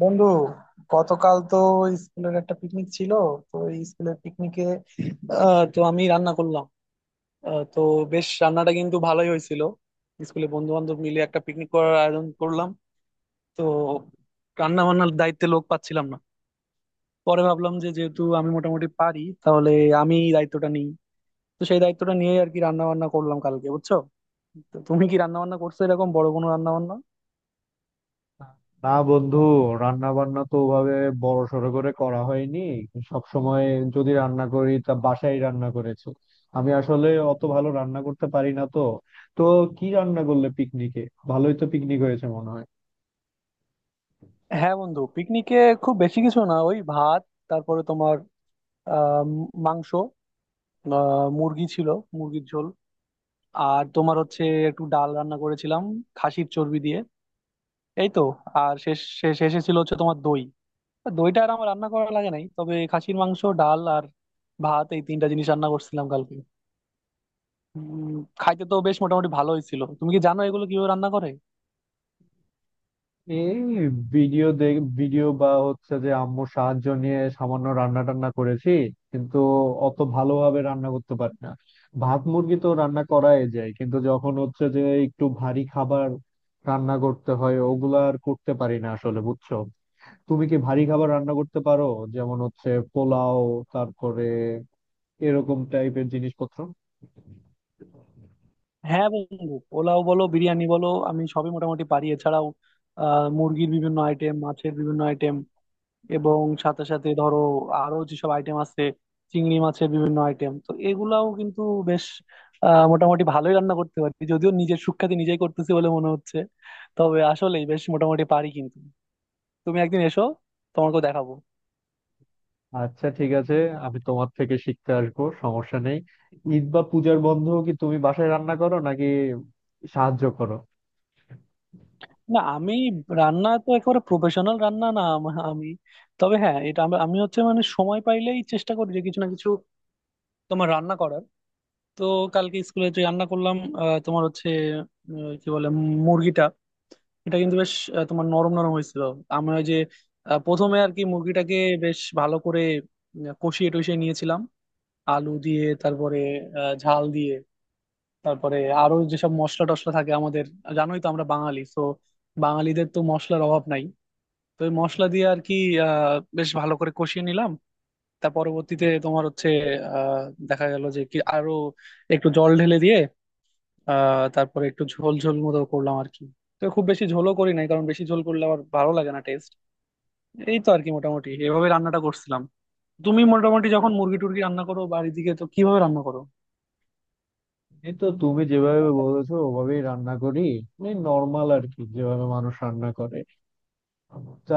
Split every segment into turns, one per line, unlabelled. বন্ধু, গতকাল তো স্কুলের একটা পিকনিক ছিল। তো এই স্কুলের পিকনিকে তো আমি রান্না করলাম। তো বেশ রান্নাটা কিন্তু ভালোই হয়েছিল। স্কুলে বন্ধু বান্ধব মিলে একটা পিকনিক করার আয়োজন করলাম। তো রান্না বান্নার দায়িত্বে লোক পাচ্ছিলাম না। পরে ভাবলাম যে যেহেতু আমি মোটামুটি পারি, তাহলে আমি দায়িত্বটা নিই। তো সেই দায়িত্বটা নিয়েই আর কি রান্না বান্না করলাম কালকে, বুঝছো। তো তুমি কি রান্না বান্না করছো এরকম বড় কোনো রান্না বান্না?
না বন্ধু, রান্না বান্না তো ওভাবে বড় সড়ো করে করা হয়নি। সব সময় যদি রান্না করি তা বাসায় রান্না করেছি। আমি আসলে অত ভালো রান্না করতে পারি না। তো তো কি রান্না করলে পিকনিকে? ভালোই তো পিকনিক হয়েছে মনে হয়।
হ্যাঁ বন্ধু, পিকনিকে খুব বেশি কিছু না, ওই ভাত, আহ মাংস, মুরগি ছিল, মুরগির ঝোল। আর তোমার হচ্ছে একটু ডাল রান্না করেছিলাম খাসির চর্বি দিয়ে। এই তো। আর শেষ শেষ শেষে ছিল হচ্ছে তোমার দই। দইটা আর আমার রান্না করা লাগে নাই, তবে খাসির মাংস, ডাল আর ভাত, এই তিনটা জিনিস রান্না করছিলাম কালকে। উম, খাইতে তো বেশ মোটামুটি ভালোই ছিল। তুমি কি জানো এগুলো কিভাবে রান্না করে?
এই ভিডিও দেখ ভিডিও বা হচ্ছে যে আম্মুর সাহায্য নিয়ে সামান্য রান্না টান্না করেছি, কিন্তু অত ভালোভাবে রান্না করতে পারি না। ভাত মুরগি তো রান্না করাই যায়, কিন্তু যখন হচ্ছে যে একটু ভারী খাবার রান্না করতে হয় ওগুলা আর করতে পারি না আসলে, বুঝছো। তুমি কি ভারী খাবার রান্না করতে পারো? যেমন হচ্ছে পোলাও, তারপরে এরকম টাইপের জিনিসপত্র।
হ্যাঁ বন্ধু, পোলাও বলো বিরিয়ানি বলো আমি সবই মোটামুটি পারি। এছাড়াও মুরগির বিভিন্ন আইটেম, মাছের বিভিন্ন আইটেম, এবং সাথে সাথে ধরো আরো যেসব আইটেম আছে, চিংড়ি মাছের বিভিন্ন আইটেম, তো এগুলাও কিন্তু বেশ মোটামুটি ভালোই রান্না করতে পারি। যদিও নিজের সুখ্যাতি নিজেই করতেছি বলে মনে হচ্ছে, তবে আসলেই বেশ মোটামুটি পারি। কিন্তু তুমি একদিন এসো, তোমাকেও দেখাবো।
আচ্ছা ঠিক আছে, আমি তোমার থেকে শিখতে আসবো, সমস্যা নেই। ঈদ বা পূজার বন্ধও কি তুমি বাসায় রান্না করো নাকি সাহায্য করো?
না, আমি রান্না তো একেবারে প্রফেশনাল রান্না না। আমি, তবে হ্যাঁ, এটা আমি আমি হচ্ছে মানে সময় পাইলেই চেষ্টা করি যে কিছু না কিছু তোমার রান্না করার। তো কালকে স্কুলে যে রান্না করলাম, তোমার হচ্ছে কি বলে, মুরগিটা, এটা কিন্তু বেশ তোমার নরম নরম হয়েছিল। আমি ওই যে প্রথমে আর কি মুরগিটাকে বেশ ভালো করে কষিয়ে টষিয়ে নিয়েছিলাম আলু দিয়ে। তারপরে ঝাল দিয়ে, তারপরে আরো যেসব মশলা টশলা থাকে আমাদের, জানোই তো আমরা বাঙালি তো, বাঙালিদের তো মশলার অভাব নাই। তো ওই মশলা দিয়ে আর কি বেশ ভালো করে কষিয়ে নিলাম। তার পরবর্তীতে তোমার হচ্ছে আহ দেখা গেল যে কি আরো একটু জল ঢেলে দিয়ে তারপরে একটু ঝোল ঝোল মতো করলাম আর কি। তো খুব বেশি ঝোলও করি নাই, কারণ বেশি ঝোল করলে আবার ভালো লাগে না, টেস্ট। এই তো আর কি, মোটামুটি এভাবে রান্নাটা করছিলাম। তুমি মোটামুটি যখন মুরগি টুরগি রান্না করো বাড়ির দিকে, তো কিভাবে রান্না করো?
এই তো, তুমি যেভাবে বলেছো ওভাবেই রান্না করি, এই নর্মাল আর কি যেভাবে মানুষ রান্না করে। তা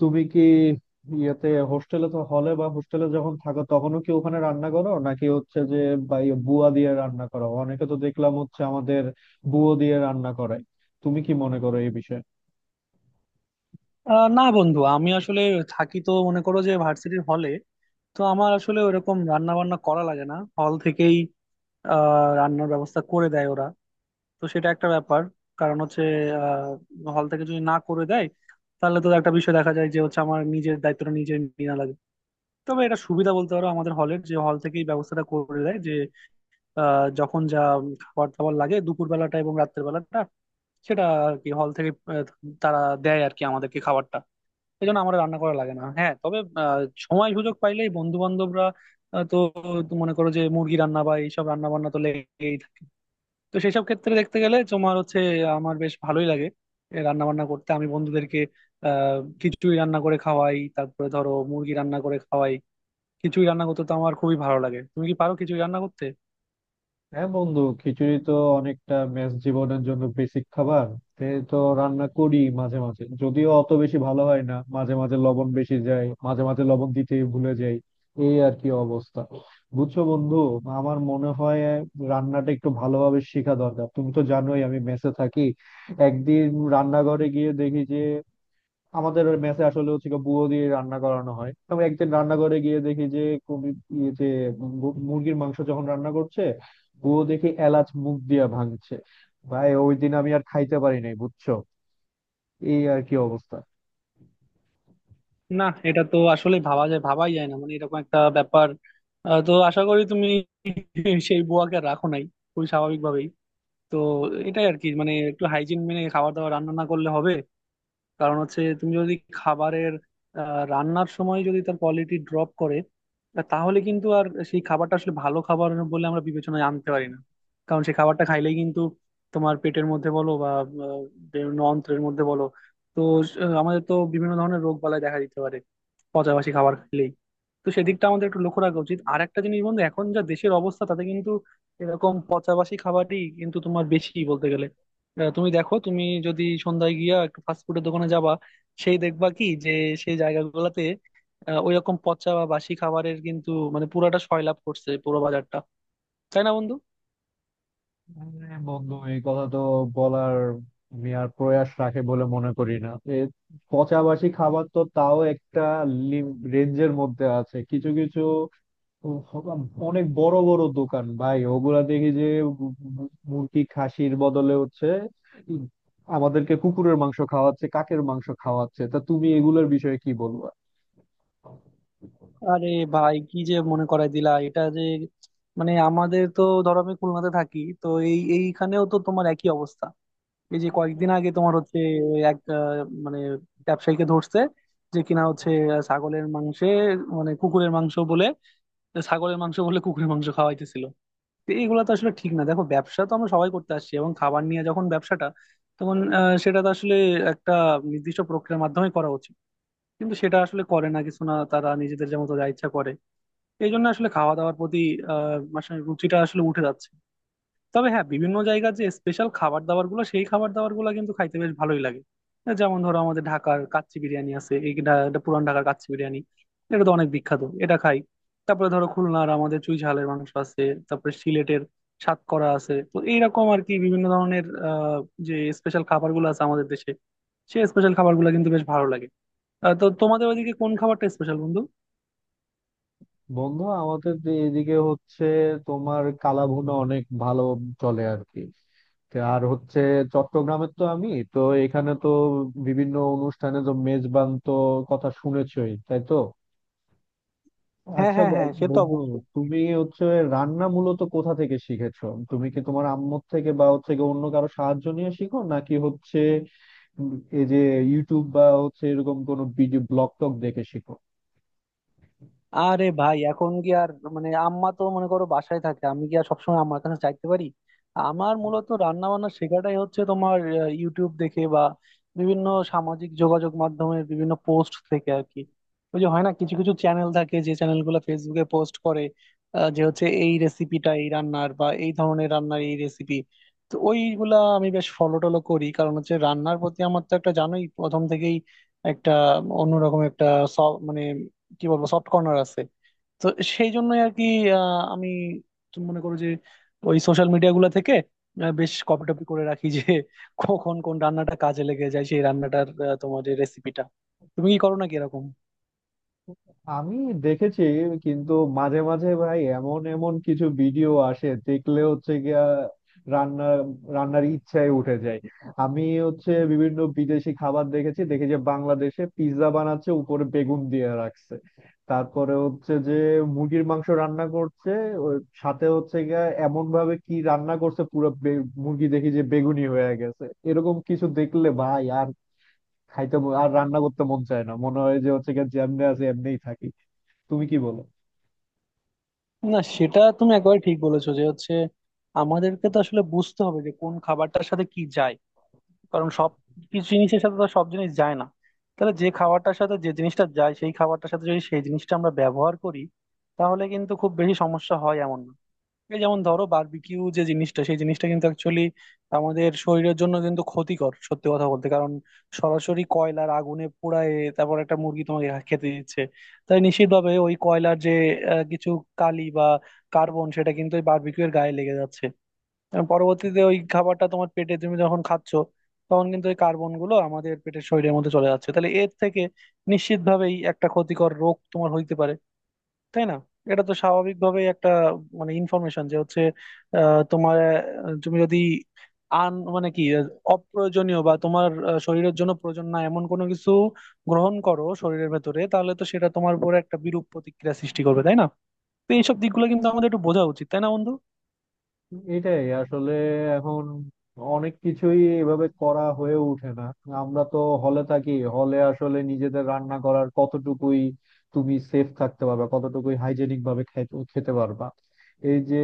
তুমি কি ইয়েতে হোস্টেলে তো হলে বা হোস্টেলে যখন থাকো তখনও কি ওখানে রান্না করো নাকি হচ্ছে যে বা ইয়ে বুয়া দিয়ে রান্না করো? অনেকে তো দেখলাম হচ্ছে আমাদের বুয়ো দিয়ে রান্না করে। তুমি কি মনে করো এই বিষয়ে?
না বন্ধু, আমি আসলে থাকি তো মনে করো যে ভার্সিটির হলে। তো আমার আসলে ওরকম রান্না বান্না করা লাগে না, হল থেকেই রান্নার ব্যবস্থা করে দেয় ওরা। তো সেটা একটা ব্যাপার। কারণ হচ্ছে, হল থেকে যদি না করে দেয়, তাহলে তো একটা বিষয় দেখা যায় যে হচ্ছে আমার নিজের দায়িত্বটা নিজের নেওয়া লাগে। তবে এটা সুবিধা বলতে পারো আমাদের হলের, যে হল থেকেই ব্যবস্থাটা করে দেয় যে যখন যা খাবার দাবার লাগে, দুপুর বেলাটা এবং রাত্রের বেলাটা, সেটা আর কি হল থেকে তারা দেয় আর কি আমাদেরকে খাবারটা। এই জন্য আমাদের রান্না করা লাগে না। হ্যাঁ, তবে সময় সুযোগ পাইলেই বন্ধু বান্ধবরা, তো, তো মনে করো যে মুরগি রান্না বা এইসব রান্না বান্না তো লেগেই থাকে। তো সেসব ক্ষেত্রে দেখতে গেলে তোমার হচ্ছে আমার বেশ ভালোই লাগে রান্না বান্না করতে। আমি বন্ধুদেরকে খিচুড়ি রান্না করে খাওয়াই, তারপরে ধরো মুরগি রান্না করে খাওয়াই। খিচুড়ি রান্না করতে তো আমার খুবই ভালো লাগে। তুমি কি পারো খিচুড়ি রান্না করতে?
হ্যাঁ বন্ধু, খিচুড়ি তো অনেকটা মেস জীবনের জন্য বেসিক খাবার। তে তো রান্না করি মাঝে মাঝে, যদিও অত বেশি ভালো হয় না। মাঝে মাঝে লবণ বেশি যায়, মাঝে মাঝে লবণ দিতে ভুলে যাই। এই আর কি অবস্থা, বুঝছো বন্ধু। আমার মনে হয় রান্নাটা একটু ভালোভাবে শেখা দরকার। তুমি তো জানোই আমি মেসে থাকি। একদিন রান্নাঘরে গিয়ে দেখি যে আমাদের মেসে আসলে হচ্ছে গিয়ে বুয়ো দিয়ে রান্না করানো হয়। আমি একদিন রান্নাঘরে গিয়ে দেখি যে কবি ইয়ে যে মুরগির মাংস যখন রান্না করছে, বুয়ো দেখি এলাচ মুখ দিয়া ভাঙছে। ভাই ওই দিন আমি আর খাইতে পারি নাই, বুঝছো। এই আর কি অবস্থা।
না, এটা তো আসলে ভাবা যায়, ভাবাই যায় না, মানে এরকম একটা ব্যাপার। তো আশা করি তুমি সেই বুয়াকে আর রাখো নাই, খুবই স্বাভাবিকভাবেই। তো এটাই আর কি, মানে একটু হাইজিন মেনে খাবার দাবার রান্না না করলে হবে। কারণ হচ্ছে তুমি যদি খাবারের রান্নার সময় যদি তার কোয়ালিটি ড্রপ করে, তাহলে কিন্তু আর সেই খাবারটা আসলে ভালো খাবার বলে আমরা বিবেচনায় আনতে পারি না। কারণ সেই খাবারটা খাইলেই কিন্তু তোমার পেটের মধ্যে বলো বা বিভিন্ন অন্ত্রের মধ্যে বলো, তো আমাদের তো বিভিন্ন ধরনের রোগ বালাই দেখা দিতে পারে পচাবাসি খাবার খেলেই। তো সেদিকটা আমাদের একটু লক্ষ্য রাখা উচিত। আর একটা জিনিস বন্ধু, এখন যা দেশের অবস্থা, তাতে কিন্তু এরকম পচাবাসি খাবারই কিন্তু তোমার বেশি বলতে গেলে। তুমি দেখো, তুমি যদি সন্ধ্যায় গিয়া একটু ফাস্টফুডের দোকানে যাবা, সেই দেখবা কি যে সেই জায়গাগুলোতে ওইরকম পচা বা বাসি খাবারের কিন্তু মানে পুরাটা সয়লাব করছে পুরো বাজারটা। তাই না বন্ধু?
আরে বন্ধু, এই কথা তো বলার আমি আর প্রয়াস রাখে বলে মনে করি না। এ পচাবাসি খাবার তো তাও একটা রেঞ্জের মধ্যে আছে কিছু কিছু। ও বাবা, অনেক বড় বড় দোকান ভাই ওগুলা দেখি যে মুরগি খাসির বদলে হচ্ছে উম, আমাদেরকে কুকুরের মাংস খাওয়াচ্ছে, কাকের মাংস খাওয়াচ্ছে। তা তুমি এগুলোর বিষয়ে কি বলবা?
আরে ভাই, কি যে মনে করাই দিলা এটা যে, মানে আমাদের তো, ধরো আমি খুলনাতে থাকি, তো এইখানেও তো তোমার একই অবস্থা। এই যে কয়েকদিন আগে তোমার হচ্ছে এক মানে ব্যবসায়ীকে ধরছে, যে কিনা হচ্ছে ছাগলের মাংসে মানে কুকুরের মাংস বলে, ছাগলের মাংস বলে কুকুরের মাংস খাওয়াইতেছিল। তো এইগুলো তো আসলে ঠিক না। দেখো, ব্যবসা তো আমরা সবাই করতে আসছি, এবং খাবার নিয়ে যখন ব্যবসাটা, তখন সেটা তো আসলে একটা নির্দিষ্ট প্রক্রিয়ার মাধ্যমে করা উচিত। কিন্তু সেটা আসলে করে না কিছু না, তারা নিজেদের যেমন যা ইচ্ছা করে। এই জন্য আসলে খাওয়া দাওয়ার প্রতি মানে রুচিটা আসলে উঠে যাচ্ছে। তবে হ্যাঁ, বিভিন্ন জায়গার যে স্পেশাল খাবার দাবার গুলো, সেই খাবার দাবার গুলো কিন্তু খাইতে বেশ ভালোই লাগে। যেমন ধরো আমাদের ঢাকার কাচ্চি বিরিয়ানি আছে, এইটা, এটা পুরান ঢাকার কাচ্চি বিরিয়ানি, এটা তো অনেক বিখ্যাত, এটা খাই। তারপরে ধরো খুলনার আমাদের চুই ঝালের মাংস আছে। তারপরে সিলেটের সাতকরা আছে। তো এইরকম আর কি বিভিন্ন ধরনের যে স্পেশাল খাবার গুলো আছে আমাদের দেশে, সেই স্পেশাল খাবার গুলো কিন্তু বেশ ভালো লাগে। তো তোমাদের ওইদিকে কোন খাবারটা স্পেশাল বন্ধু?
বন্ধু, আমাদের যে এদিকে হচ্ছে তোমার কালাভুনা অনেক ভালো চলে আর কি। তা আর হচ্ছে চট্টগ্রামের তো আমি, তো এখানে তো বিভিন্ন অনুষ্ঠানে তো মেজবান তো কথা শুনেছই তাই তো।
হ্যাঁ,
আচ্ছা
হ্যাঁ,
ব-
হ্যাঁ, সে তো
বন্ধু
অবশ্যই।
তুমি হচ্ছে রান্না মূলত কোথা থেকে শিখেছো? তুমি কি তোমার আম্মুর থেকে বা হচ্ছে গিয়ে অন্য কারো সাহায্য নিয়ে শিখো নাকি হচ্ছে উম, এই যে ইউটিউব বা হচ্ছে এরকম কোনো ভিডিও ব্লগ টক দেখে শিখো?
আরে ভাই, এখন কি আর, মানে আম্মা তো মনে করো বাসায় থাকে, আমি কি আর সবসময় আম্মার কাছে চাইতে পারি? আমার মূলত রান্না বান্না শেখাটাই হচ্ছে তোমার ইউটিউব দেখে বা বিভিন্ন সামাজিক যোগাযোগ মাধ্যমের বিভিন্ন পোস্ট থেকে আর কি। ওই যে হয় না, কিছু কিছু চ্যানেল থাকে যে চ্যানেলগুলো ফেসবুকে পোস্ট করে যে হচ্ছে এই রেসিপিটা, এই রান্নার বা এই ধরনের রান্নার এই রেসিপি। তো ওইগুলা আমি বেশ ফলো টলো করি, কারণ হচ্ছে রান্নার প্রতি আমার তো একটা, জানোই, প্রথম থেকেই একটা অন্যরকম একটা মানে কি বলবো, সফট কর্নার আছে। তো সেই জন্যই আর কি আমি, তুমি মনে করো যে ওই সোশ্যাল মিডিয়া গুলা থেকে বেশ কপি টপি করে রাখি যে কখন কোন রান্নাটা কাজে লেগে যায়, সেই রান্নাটার তোমার যে রেসিপিটা। তুমি কি করো নাকি এরকম?
আমি দেখেছি, কিন্তু মাঝে মাঝে ভাই এমন এমন কিছু ভিডিও আসে দেখলে হচ্ছে গিয়া রান্না রান্নার ইচ্ছায় উঠে যায়। আমি হচ্ছে বিভিন্ন বিদেশি খাবার দেখেছি, দেখে যে বাংলাদেশে পিৎজা বানাচ্ছে উপরে বেগুন দিয়ে রাখছে। তারপরে হচ্ছে যে মুরগির মাংস রান্না করছে, ওর সাথে হচ্ছে গিয়া এমন ভাবে কি রান্না করছে পুরো মুরগি দেখি যে বেগুনি হয়ে গেছে। এরকম কিছু দেখলে ভাই আর আর রান্না করতে মন চায় না। মনে হয় যে হচ্ছে গিয়া যেমনি আছে এমনিই থাকি। তুমি কি বলো?
না, সেটা তুমি একেবারে ঠিক বলেছো যে হচ্ছে, আমাদেরকে তো আসলে বুঝতে হবে যে কোন খাবারটার সাথে কি যায়। কারণ সব কিছু জিনিসের সাথে তো সব জিনিস যায় না। তাহলে যে খাবারটার সাথে যে জিনিসটা যায়, সেই খাবারটার সাথে যদি সেই জিনিসটা আমরা ব্যবহার করি, তাহলে কিন্তু খুব বেশি সমস্যা হয় এমন না। এই যেমন ধরো, বারবিকিউ যে জিনিসটা, সেই জিনিসটা কিন্তু অ্যাকচুয়ালি আমাদের শরীরের জন্য কিন্তু ক্ষতিকর, সত্যি কথা বলতে। কারণ সরাসরি কয়লার আগুনে পোড়ায়, তারপর একটা মুরগি তোমাকে খেতে দিচ্ছে। তাই নিশ্চিতভাবে ওই কয়লার যে কিছু কালি বা কার্বন সেটা কিন্তু ওই বারবিকিউ এর গায়ে লেগে যাচ্ছে। এবং পরবর্তীতে ওই খাবারটা তোমার পেটে তুমি যখন খাচ্ছ, তখন কিন্তু ওই কার্বন গুলো আমাদের পেটের শরীরের মধ্যে চলে যাচ্ছে। তাহলে এর থেকে নিশ্চিতভাবেই একটা ক্ষতিকর রোগ তোমার হইতে পারে, তাই না? এটা তো স্বাভাবিকভাবেই একটা, মানে ইনফরমেশন যে হচ্ছে তোমার, তুমি যদি আন মানে কি অপ্রয়োজনীয় বা তোমার শরীরের জন্য প্রয়োজন না এমন কোনো কিছু গ্রহণ করো শরীরের ভেতরে, তাহলে তো সেটা তোমার উপরে একটা বিরূপ প্রতিক্রিয়া সৃষ্টি করবে, তাই না? তো এইসব দিকগুলো কিন্তু আমাদের একটু বোঝা উচিত, তাই না বন্ধু?
এটাই আসলে এখন অনেক কিছুই এভাবে করা হয়ে ওঠে না। আমরা তো হলে থাকি, হলে আসলে নিজেদের রান্না করার কতটুকুই তুমি সেফ থাকতে পারবা, কতটুকুই হাইজেনিক ভাবে খেতে পারবা। এই যে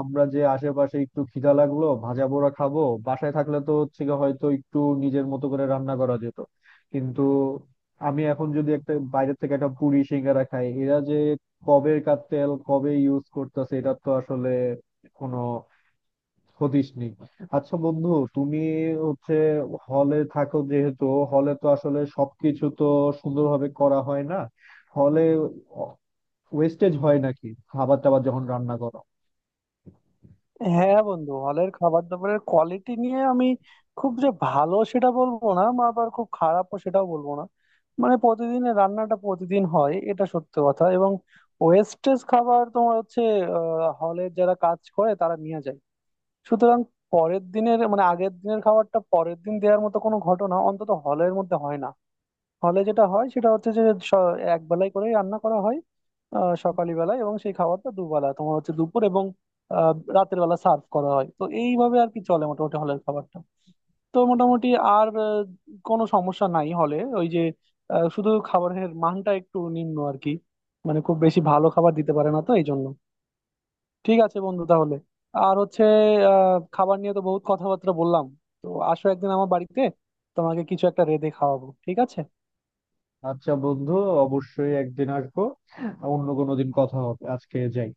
আমরা যে আশেপাশে একটু খিদা লাগলো ভাজা পোড়া খাবো, বাসায় থাকলে তো হচ্ছে গিয়ে হয়তো একটু নিজের মতো করে রান্না করা যেত। কিন্তু আমি এখন যদি একটা বাইরের থেকে একটা পুরি সিঙ্গারা খাই, এরা যে কবেকার তেল কবে ইউজ করতেছে এটা তো আসলে কোনো ক্ষতিস নেই। আচ্ছা বন্ধু, তুমি হচ্ছে হলে থাকো যেহেতু, হলে তো আসলে সবকিছু তো সুন্দরভাবে করা হয় না। হলে ওয়েস্টেজ হয় নাকি খাবার টাবার যখন রান্না করো?
হ্যাঁ বন্ধু, হলের খাবার দাবারের কোয়ালিটি নিয়ে আমি খুব যে ভালো সেটা বলবো না, বা আবার খুব খারাপও সেটাও বলবো না। মানে প্রতিদিনের রান্নাটা প্রতিদিন হয়, এটা সত্য কথা। এবং ওয়েস্টেজ খাবার তোমার হচ্ছে হলের যারা কাজ করে তারা নিয়ে যায়। সুতরাং পরের দিনের মানে আগের দিনের খাবারটা পরের দিন দেওয়ার মতো কোনো ঘটনা অন্তত হলের মধ্যে হয় না। হলে যেটা হয় সেটা হচ্ছে যে স- এক বেলায় করেই রান্না করা হয় সকালে বেলায়, এবং সেই খাবারটা দুবেলা তোমার হচ্ছে দুপুর এবং আহ, রাতের বেলা সার্ভ করা হয়। তো এইভাবে আর কি চলে মোটামুটি হলের খাবারটা। তো মোটামুটি আর কোনো সমস্যা নাই হলে, ওই যে শুধু খাবারের মানটা একটু নিম্ন আর কি, মানে খুব বেশি ভালো খাবার দিতে পারে না। তো এই জন্য, ঠিক আছে বন্ধু, তাহলে আর হচ্ছে খাবার নিয়ে তো বহুত কথাবার্তা বললাম। তো আসো একদিন আমার বাড়িতে, তোমাকে কিছু একটা রেঁধে খাওয়াবো, ঠিক আছে?
আচ্ছা বন্ধু, অবশ্যই একদিন আসবো। অন্য কোনো দিন কথা হবে, আজকে যাই।